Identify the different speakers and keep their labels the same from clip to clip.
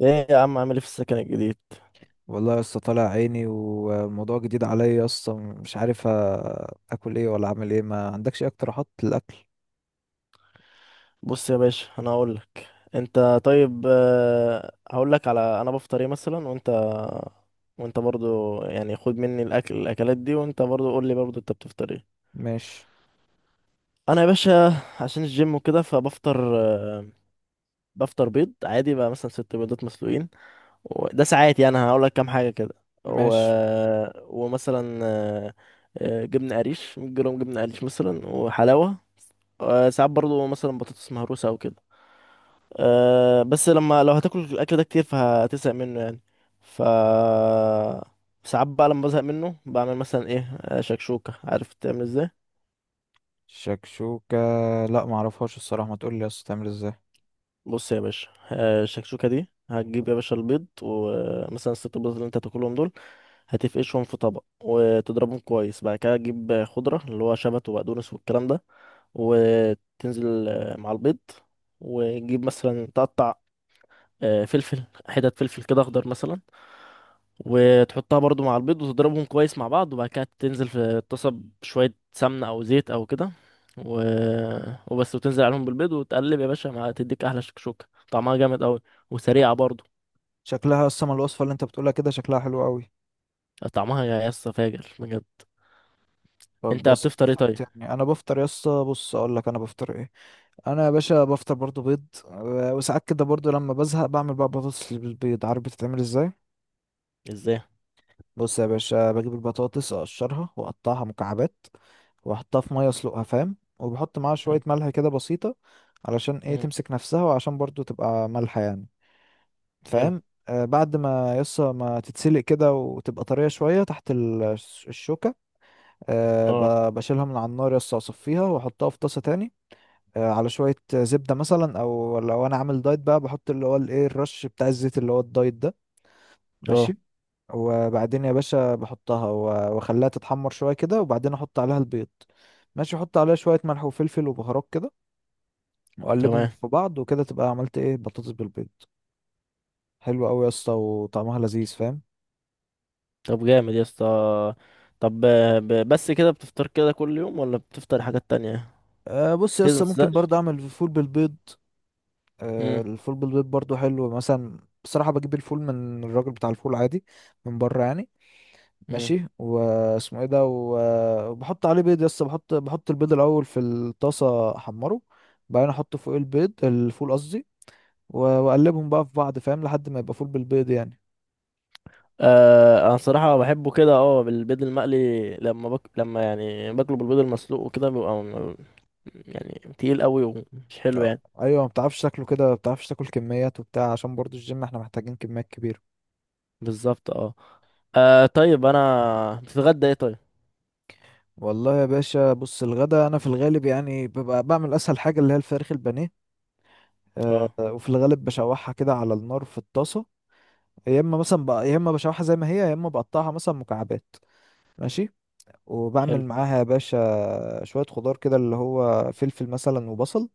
Speaker 1: ايه يا عم، عامل ايه في السكن الجديد؟
Speaker 2: والله يا اسطى، طالع عيني وموضوع جديد عليا يا اسطى، مش عارف اكل ايه ولا اعمل ايه؟ ما عندكش اي اقتراحات للاكل؟
Speaker 1: بص يا باشا انا هقول لك. انت طيب. هقول لك على انا بفطر ايه مثلا، وانت برضو يعني خد مني الاكل، الاكلات دي، وانت برضو قول لي برضو انت بتفطر ايه.
Speaker 2: ماشي.
Speaker 1: انا يا باشا عشان الجيم وكده فبفطر. آه، بفطر بيض عادي بقى، مثلا ست بيضات مسلوقين. وده ساعات يعني هقول لك كام حاجه كده. و...
Speaker 2: ماشي.
Speaker 1: آه، ومثلا جبنه قريش، 100 جرام جبنه قريش مثلا، وحلاوه. ساعات برضو مثلا بطاطس مهروسه او كده. أه، بس لما لو هتاكل الاكل ده كتير فهتزهق منه يعني. ف ساعات بقى لما بزهق منه بعمل مثلا ايه، شكشوكة. عارف تعمل ازاي؟
Speaker 2: شكشوكة؟ لا ما اعرفهاش الصراحة، ما تقول لي يا اسطى تعمل ازاي.
Speaker 1: بص يا باشا، الشكشوكة دي هتجيب يا باشا البيض، ومثلا الست بيض اللي انت هتاكلهم دول هتفقشهم في طبق وتضربهم كويس. بعد كده تجيب خضرة، اللي هو شبت وبقدونس والكلام ده، وتنزل مع البيض. وتجيب مثلا تقطع فلفل، حتت فلفل كده اخضر مثلا، وتحطها برضو مع البيض وتضربهم كويس مع بعض. وبعد كده تنزل في الطاسة بشوية سمنة أو زيت أو كده، و... وبس، وتنزل عليهم بالبيض وتقلب يا باشا مع، تديك أحلى شكشوكة. طعمها جامد أوي، وسريعة برضو.
Speaker 2: شكلها اصلا الوصفة اللي انت بتقولها كده شكلها حلو قوي.
Speaker 1: طعمها يا اسطى فاجر بجد.
Speaker 2: طب
Speaker 1: أنت
Speaker 2: بس
Speaker 1: بتفطر إيه
Speaker 2: بتفطر ايه
Speaker 1: طيب؟
Speaker 2: تاني؟ انا بفطر يا اسطى، بص اقول لك انا بفطر ايه. انا يا باشا بفطر برضو بيض وساعات كده برضو لما بزهق بعمل بقى بطاطس بالبيض، عارف بتتعمل ازاي؟
Speaker 1: إزاي؟
Speaker 2: بص يا باشا، بجيب البطاطس اقشرها واقطعها مكعبات واحطها في ميه اسلقها، فاهم، وبحط معاها شويه
Speaker 1: حلو.
Speaker 2: ملح كده بسيطه، علشان ايه،
Speaker 1: مم،
Speaker 2: تمسك نفسها وعشان برضو تبقى مالحه يعني،
Speaker 1: حلو.
Speaker 2: فاهم. آه، بعد ما ما تتسلق كده وتبقى طريه شويه تحت الشوكه، آه،
Speaker 1: أه.
Speaker 2: بشيلها من على النار، اصفيها واحطها في طاسه تاني، آه، على شويه زبده مثلا، او لو انا عامل دايت بقى بحط اللي هو الايه الرش بتاع الزيت اللي هو الدايت ده.
Speaker 1: أه.
Speaker 2: ماشي. وبعدين يا باشا بحطها و- واخليها تتحمر شويه كده، وبعدين احط عليها البيض. ماشي، احط عليها شويه ملح وفلفل وبهارات كده، واقلبهم
Speaker 1: تمام.
Speaker 2: في بعض وكده تبقى عملت ايه، بطاطس بالبيض. حلوه قوي يا اسطى وطعمها لذيذ، فاهم.
Speaker 1: طب جامد يا اسطى. طب بس كده بتفطر كده كل يوم، ولا بتفطر حاجات تانية؟
Speaker 2: أه، بص يا
Speaker 1: لازم
Speaker 2: اسطى، ممكن
Speaker 1: متزهقش؟
Speaker 2: برضه اعمل فول بالبيض. أه،
Speaker 1: مم،
Speaker 2: الفول بالبيض برضه حلو مثلا، بصراحه بجيب الفول من الراجل بتاع الفول عادي، من بره يعني.
Speaker 1: مم.
Speaker 2: ماشي، واسمه ايه ده، و- وبحط عليه بيض، بحط البيض الاول في الطاسه احمره، بعدين احط فوق البيض الفول قصدي، و- واقلبهم بقى في بعض، فاهم، لحد ما يبقى فول بالبيض يعني.
Speaker 1: انا صراحة بحبه كده، اه، بالبيض المقلي. لما يعني باكله بالبيض المسلوق وكده بيبقى يعني تقيل قوي ومش حلو
Speaker 2: آه.
Speaker 1: يعني.
Speaker 2: ايوه، ما بتعرفش تاكله كده، ما بتعرفش تاكل كميات وبتاع، عشان برضو الجيم احنا محتاجين كميات كبيره.
Speaker 1: بالظبط اه. طيب انا بتتغدى ايه طيب.
Speaker 2: والله يا باشا، بص الغدا انا في الغالب يعني ببقى بعمل اسهل حاجه اللي هي الفراخ البانيه. أه،
Speaker 1: اه.
Speaker 2: وفي الغالب بشوحها كده على النار في الطاسه. يا اما مثلا بقى يا اما بشوحها زي ما هي، يا اما بقطعها مثلا مكعبات. ماشي، وبعمل
Speaker 1: حلو.
Speaker 2: معاها يا باشا شوية خضار كده اللي هو فلفل مثلا وبصل.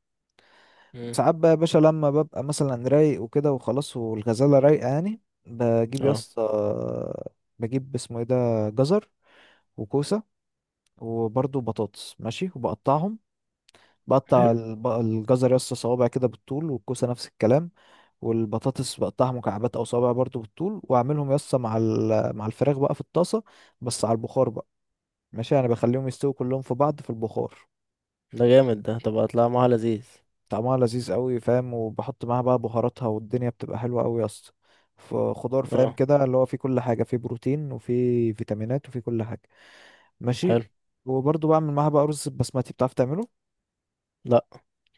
Speaker 1: مم.
Speaker 2: وساعات بقى يا باشا لما ببقى مثلا رايق وكده وخلاص، والغزالة رايقة يعني، بجيب يا
Speaker 1: اه.
Speaker 2: اسطى، بجيب اسمه ايه ده، جزر وكوسة وبرضه بطاطس، ماشي، وبقطعهم. بقطع
Speaker 1: حلو.
Speaker 2: الجزر يا اسطى صوابع كده بالطول، والكوسة نفس الكلام، والبطاطس بقطعها مكعبات او صوابع برضه بالطول، واعملهم يا اسطى مع مع الفراخ بقى في الطاسة، بس على البخار بقى، ماشي، يعني بخليهم يستووا كلهم في بعض في البخار.
Speaker 1: ده جامد ده، طب هتلاقي معاها لذيذ.
Speaker 2: طعمها لذيذ قوي، فاهم، وبحط معاها بقى بهاراتها، والدنيا بتبقى حلوة قوي يا اسطى. فخضار فاهم
Speaker 1: اه.
Speaker 2: كده اللي هو فيه كل حاجة، فيه بروتين وفيه فيتامينات وفيه كل حاجة. ماشي.
Speaker 1: حلو.
Speaker 2: وبرضه بعمل معاها بقى رز بسمتي، بتعرف تعمله؟
Speaker 1: لا،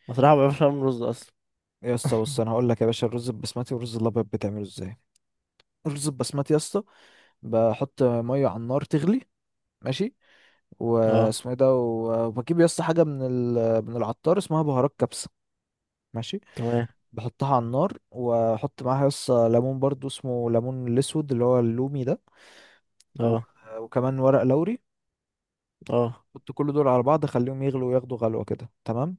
Speaker 1: بصراحة ما بعرفش اعمل رز اصلا.
Speaker 2: يا اسطى بص انا هقول لك يا باشا الرز البسمتي والرز الابيض بتعمله ازاي. الرز البسمتي يا اسطى، بحط ميه على النار تغلي، ماشي،
Speaker 1: اه.
Speaker 2: واسمه ايه ده و- وبجيب يا اسطى حاجه من العطار اسمها بهارات كبسه، ماشي،
Speaker 1: تمام.
Speaker 2: بحطها على النار واحط معاها ليمون برضو اسمه ليمون الاسود اللي هو اللومي ده، و-
Speaker 1: اه.
Speaker 2: وكمان ورق لوري،
Speaker 1: اه.
Speaker 2: احط كل دول على بعض اخليهم يغلوا وياخدوا غلوه كده، تمام،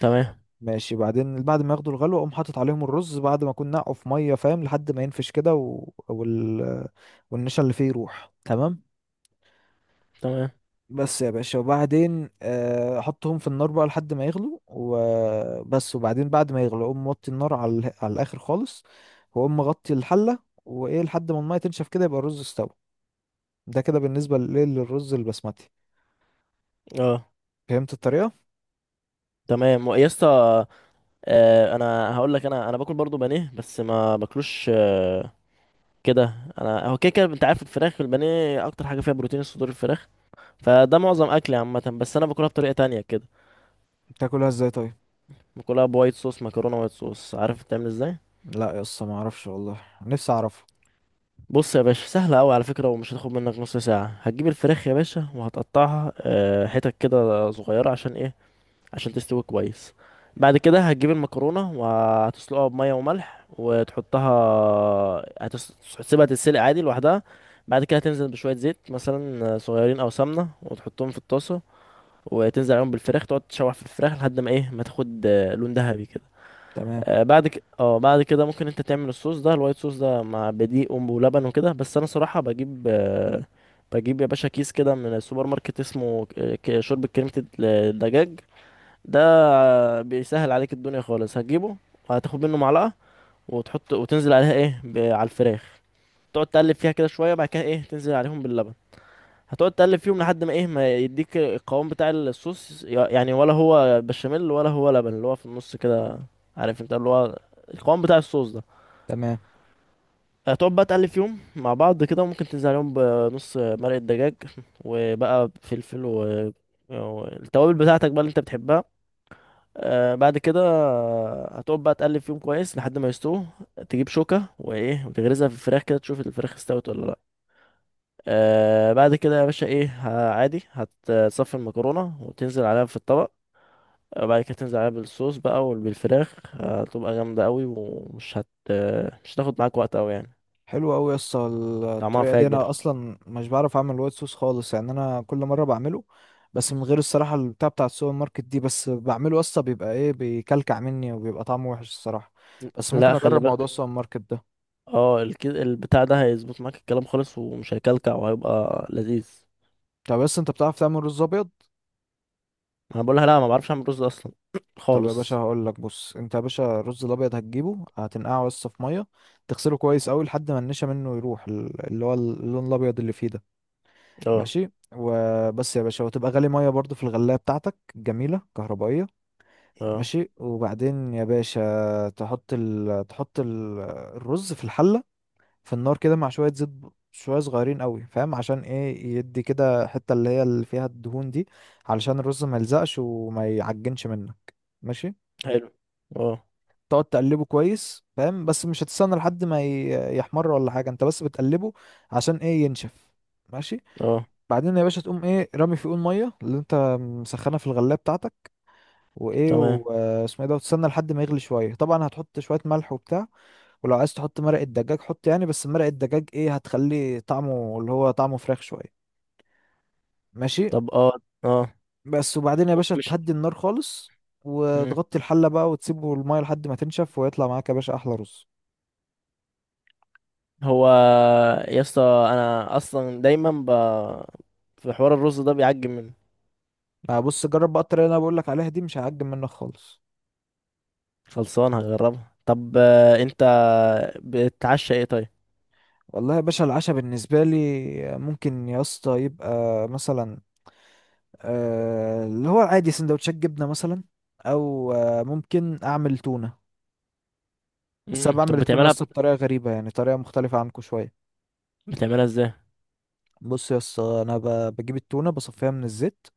Speaker 1: تمام.
Speaker 2: ماشي. بعدين بعد ما ياخدوا الغلوه اقوم حاطط عليهم الرز، بعد ما اكون نقعه في ميه فاهم، لحد ما ينفش كده والنشا اللي فيه يروح، تمام،
Speaker 1: تمام.
Speaker 2: بس يا باشا. وبعدين احطهم في النار بقى لحد ما يغلوا وبس، وبعدين بعد ما يغلوا اقوم موطي النار على على الاخر خالص، واقوم مغطي الحله وايه لحد ما الميه تنشف كده يبقى الرز استوى. ده كده بالنسبه للرز البسمتي،
Speaker 1: اه.
Speaker 2: فهمت الطريقه؟
Speaker 1: تمام يا اسطى. انا هقول لك، انا باكل برضو بانيه بس ما باكلوش كده. انا هو كده كده، انت عارف الفراخ البانيه اكتر حاجه فيها بروتين صدور الفراخ، فده معظم اكلي عامه. بس انا باكلها بطريقه تانية كده.
Speaker 2: بتاكلها ازاي طيب؟
Speaker 1: باكلها بوايت صوص مكرونه وايت صوص. عارف بتعمل ازاي؟
Speaker 2: لا يا اسطى ما اعرفش والله، نفسي اعرفها.
Speaker 1: بص يا باشا، سهله قوي على فكره، ومش هتاخد منك نص ساعه. هتجيب الفراخ يا باشا وهتقطعها حتت كده صغيره، عشان ايه؟ عشان تستوي كويس. بعد كده هتجيب المكرونه وهتسلقها بميه وملح، وتحطها. هتس- هتسيبها تتسلق عادي لوحدها. بعد كده تنزل بشوية زيت مثلا صغيرين أو سمنة، وتحطهم في الطاسة، وتنزل عليهم بالفراخ. تقعد تشوح في الفراخ لحد ما ايه، ما تاخد لون ذهبي كده.
Speaker 2: تمام.
Speaker 1: بعد كده ممكن انت تعمل الصوص ده، الوايت صوص ده، مع بدقيق ولبن وكده. بس انا صراحة بجيب، بجيب يا باشا كيس كده من السوبر ماركت، اسمه شوربة كريمة الدجاج ده. بيسهل عليك الدنيا خالص. هتجيبه وهتاخد منه معلقة، وتحط وتنزل عليها ايه على الفراخ، تقعد تقلب فيها كده شوية. بعد كده ايه، تنزل عليهم باللبن. هتقعد تقلب فيهم لحد ما ايه، ما يديك القوام بتاع الصوص، يعني ولا هو بشاميل ولا هو لبن، اللي هو في النص كده. عارف انت، اللي هو القوام بتاع الصوص ده.
Speaker 2: تمام.
Speaker 1: هتقعد بقى تقلب فيهم مع بعض كده. وممكن تنزل عليهم بنص مرقة دجاج، وبقى فلفل والتوابل بتاعتك بقى اللي انت بتحبها. آه بعد كده هتقعد بقى تقلب فيهم كويس لحد ما يستووا. تجيب شوكة وايه وتغرزها في الفراخ كده، تشوف الفراخ استوت ولا لا. آه بعد كده يا باشا ايه، عادي هتصفي المكرونة وتنزل عليها في الطبق، وبعد كده تنزل عليها بالصوص بقى وبالفراخ. هتبقى جامدة قوي، ومش هت آه، مش هتاخد معاك وقت قوي يعني.
Speaker 2: حلو قوي يا اسطى
Speaker 1: طعمها
Speaker 2: الطريقه دي، انا
Speaker 1: فاجر.
Speaker 2: اصلا مش بعرف اعمل وايت صوص خالص يعني، انا كل مره بعمله بس من غير الصراحه، البتاع بتاع السوبر ماركت دي، بس بعمله يا اسطى بيبقى ايه، بيكلكع مني وبيبقى طعمه وحش الصراحه، بس ممكن
Speaker 1: لا، خلي
Speaker 2: اجرب موضوع
Speaker 1: بالك.
Speaker 2: السوبر ماركت ده.
Speaker 1: اه البتاع ده هيظبط معاك الكلام خالص، ومش هيكلكع وهيبقى لذيذ.
Speaker 2: طب بس انت بتعرف تعمل رز ابيض؟
Speaker 1: انا بقولها لا، ما بعرفش اعمل رز اصلا
Speaker 2: طب يا باشا
Speaker 1: خالص.
Speaker 2: هقول لك. بص انت يا باشا الرز الابيض هتجيبه هتنقعه بس في ميه، تغسله كويس قوي لحد ما النشا منه يروح، اللي هو اللون الابيض اللي فيه ده.
Speaker 1: اه.
Speaker 2: ماشي، وبس يا باشا، وتبقى غالي ميه برضو في الغلايه بتاعتك جميله كهربائيه،
Speaker 1: اه.
Speaker 2: ماشي، وبعدين يا باشا الرز في الحلة في النار كده مع شوية زيت شوية صغيرين قوي، فاهم، عشان ايه، يدي كده حتة اللي هي اللي فيها الدهون دي، علشان الرز ما يلزقش وما يعجنش منك. ماشي،
Speaker 1: حلو. اه.
Speaker 2: تقعد تقلبه كويس، فاهم، بس مش هتستنى لحد ما يحمر ولا حاجة، انت بس بتقلبه عشان ايه، ينشف. ماشي،
Speaker 1: اه.
Speaker 2: بعدين يا باشا تقوم ايه رامي في قول مية اللي انت مسخنها في الغلاية بتاعتك، وايه
Speaker 1: تمام.
Speaker 2: واسمه ايه ده، وتستنى لحد ما يغلي شويه، طبعا هتحط شويه ملح وبتاع، ولو عايز تحط مرق الدجاج حط يعني، بس مرق الدجاج ايه، هتخليه طعمه اللي هو طعمه فراخ شويه، ماشي،
Speaker 1: طب اه. اه.
Speaker 2: بس. وبعدين يا باشا
Speaker 1: مش
Speaker 2: تهدي النار خالص
Speaker 1: مم.
Speaker 2: وتغطي الحله بقى، وتسيبه الميه لحد ما تنشف، ويطلع معاك يا باشا احلى رز.
Speaker 1: هو، يا اسطى، انا اصلا دايما في حوار الرز ده بيعجب مني.
Speaker 2: بص جرب بقى الطريقه اللي انا بقول لك عليها دي، مش هعجب منك خالص.
Speaker 1: خلصان هجربها. طب، انت بتتعشى ايه طيب؟
Speaker 2: والله يا باشا العشاء بالنسبه لي ممكن يا اسطى يبقى مثلا اللي هو عادي سندوتشات جبنة مثلا، أو ممكن أعمل تونة، بس أنا
Speaker 1: امم. طب
Speaker 2: بعمل التونة
Speaker 1: بتعملها،
Speaker 2: لسه بطريقة غريبة يعني، طريقة مختلفة عنكم شوية.
Speaker 1: بتعملها ازاي؟
Speaker 2: بص يا اسطى أنا بجيب التونة بصفيها من الزيت،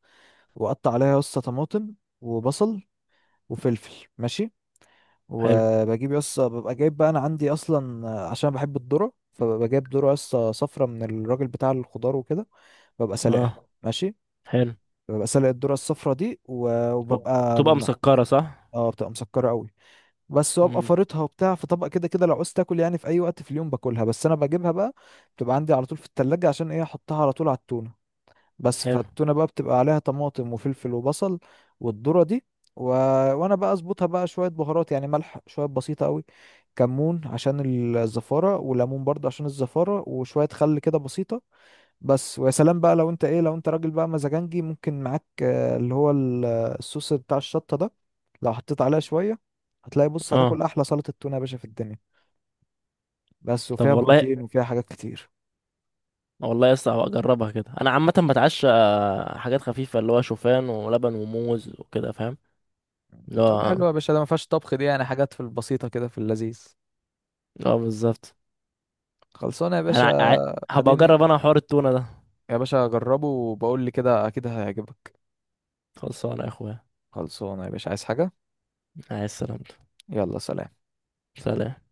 Speaker 2: وأقطع عليها يا اسطى طماطم وبصل وفلفل، ماشي،
Speaker 1: حلو.
Speaker 2: وبجيب يا اسطى ببقى جايب بقى، أنا عندي أصلا عشان بحب الذرة فببقى جايب ذرة يا اسطى صفرا من الراجل بتاع الخضار وكده، ببقى
Speaker 1: اه.
Speaker 2: سالقها، ماشي،
Speaker 1: حلو.
Speaker 2: ببقى سالق الذرة الصفرا دي و- وببقى
Speaker 1: بتبقى مسكرة صح؟
Speaker 2: اه بتبقى مسكرة قوي. بس وابقى
Speaker 1: امم.
Speaker 2: فارطها وبتاع في طبق كده، كده لو عوزت تاكل يعني في اي وقت في اليوم باكلها، بس انا بجيبها بقى بتبقى عندي على طول في التلاجة، عشان ايه، احطها على طول على التونة. بس
Speaker 1: حلو.
Speaker 2: فالتونة بقى بتبقى عليها طماطم وفلفل وبصل والذرة دي و... وانا بقى اظبطها بقى شوية بهارات يعني، ملح شوية بسيطة قوي، كمون عشان الزفارة، وليمون برضه عشان الزفارة، وشوية خل كده بسيطة. بس ويا سلام بقى لو انت راجل بقى مزاجنجي، ممكن معاك اللي هو الصوص بتاع الشطة ده، لو حطيت عليها شوية هتلاقي، بص هتاكل
Speaker 1: اه.
Speaker 2: احلى سلطة تونة يا باشا في الدنيا، بس.
Speaker 1: طب
Speaker 2: وفيها
Speaker 1: والله،
Speaker 2: بروتين وفيها حاجات كتير.
Speaker 1: والله يا اسطى هبقى اجربها كده. انا عامة بتعشى حاجات خفيفة، اللي هو شوفان ولبن وموز وكده فاهم، اللي
Speaker 2: طب
Speaker 1: هو،
Speaker 2: حلو يا باشا، ده ما فيهاش طبخ دي يعني، حاجات في البسيطة كده في اللذيذ،
Speaker 1: اه بالظبط.
Speaker 2: خلصانة يا باشا.
Speaker 1: انا ع... هبقى
Speaker 2: اديني
Speaker 1: اجرب انا حوار التونة ده.
Speaker 2: يا باشا جربه وبقول لي كده اكيد هيعجبك.
Speaker 1: خلصانه يا اخويا.
Speaker 2: خلصانة يا باشا، عايز حاجة؟
Speaker 1: عايز سلامته.
Speaker 2: يلا سلام.
Speaker 1: سلام.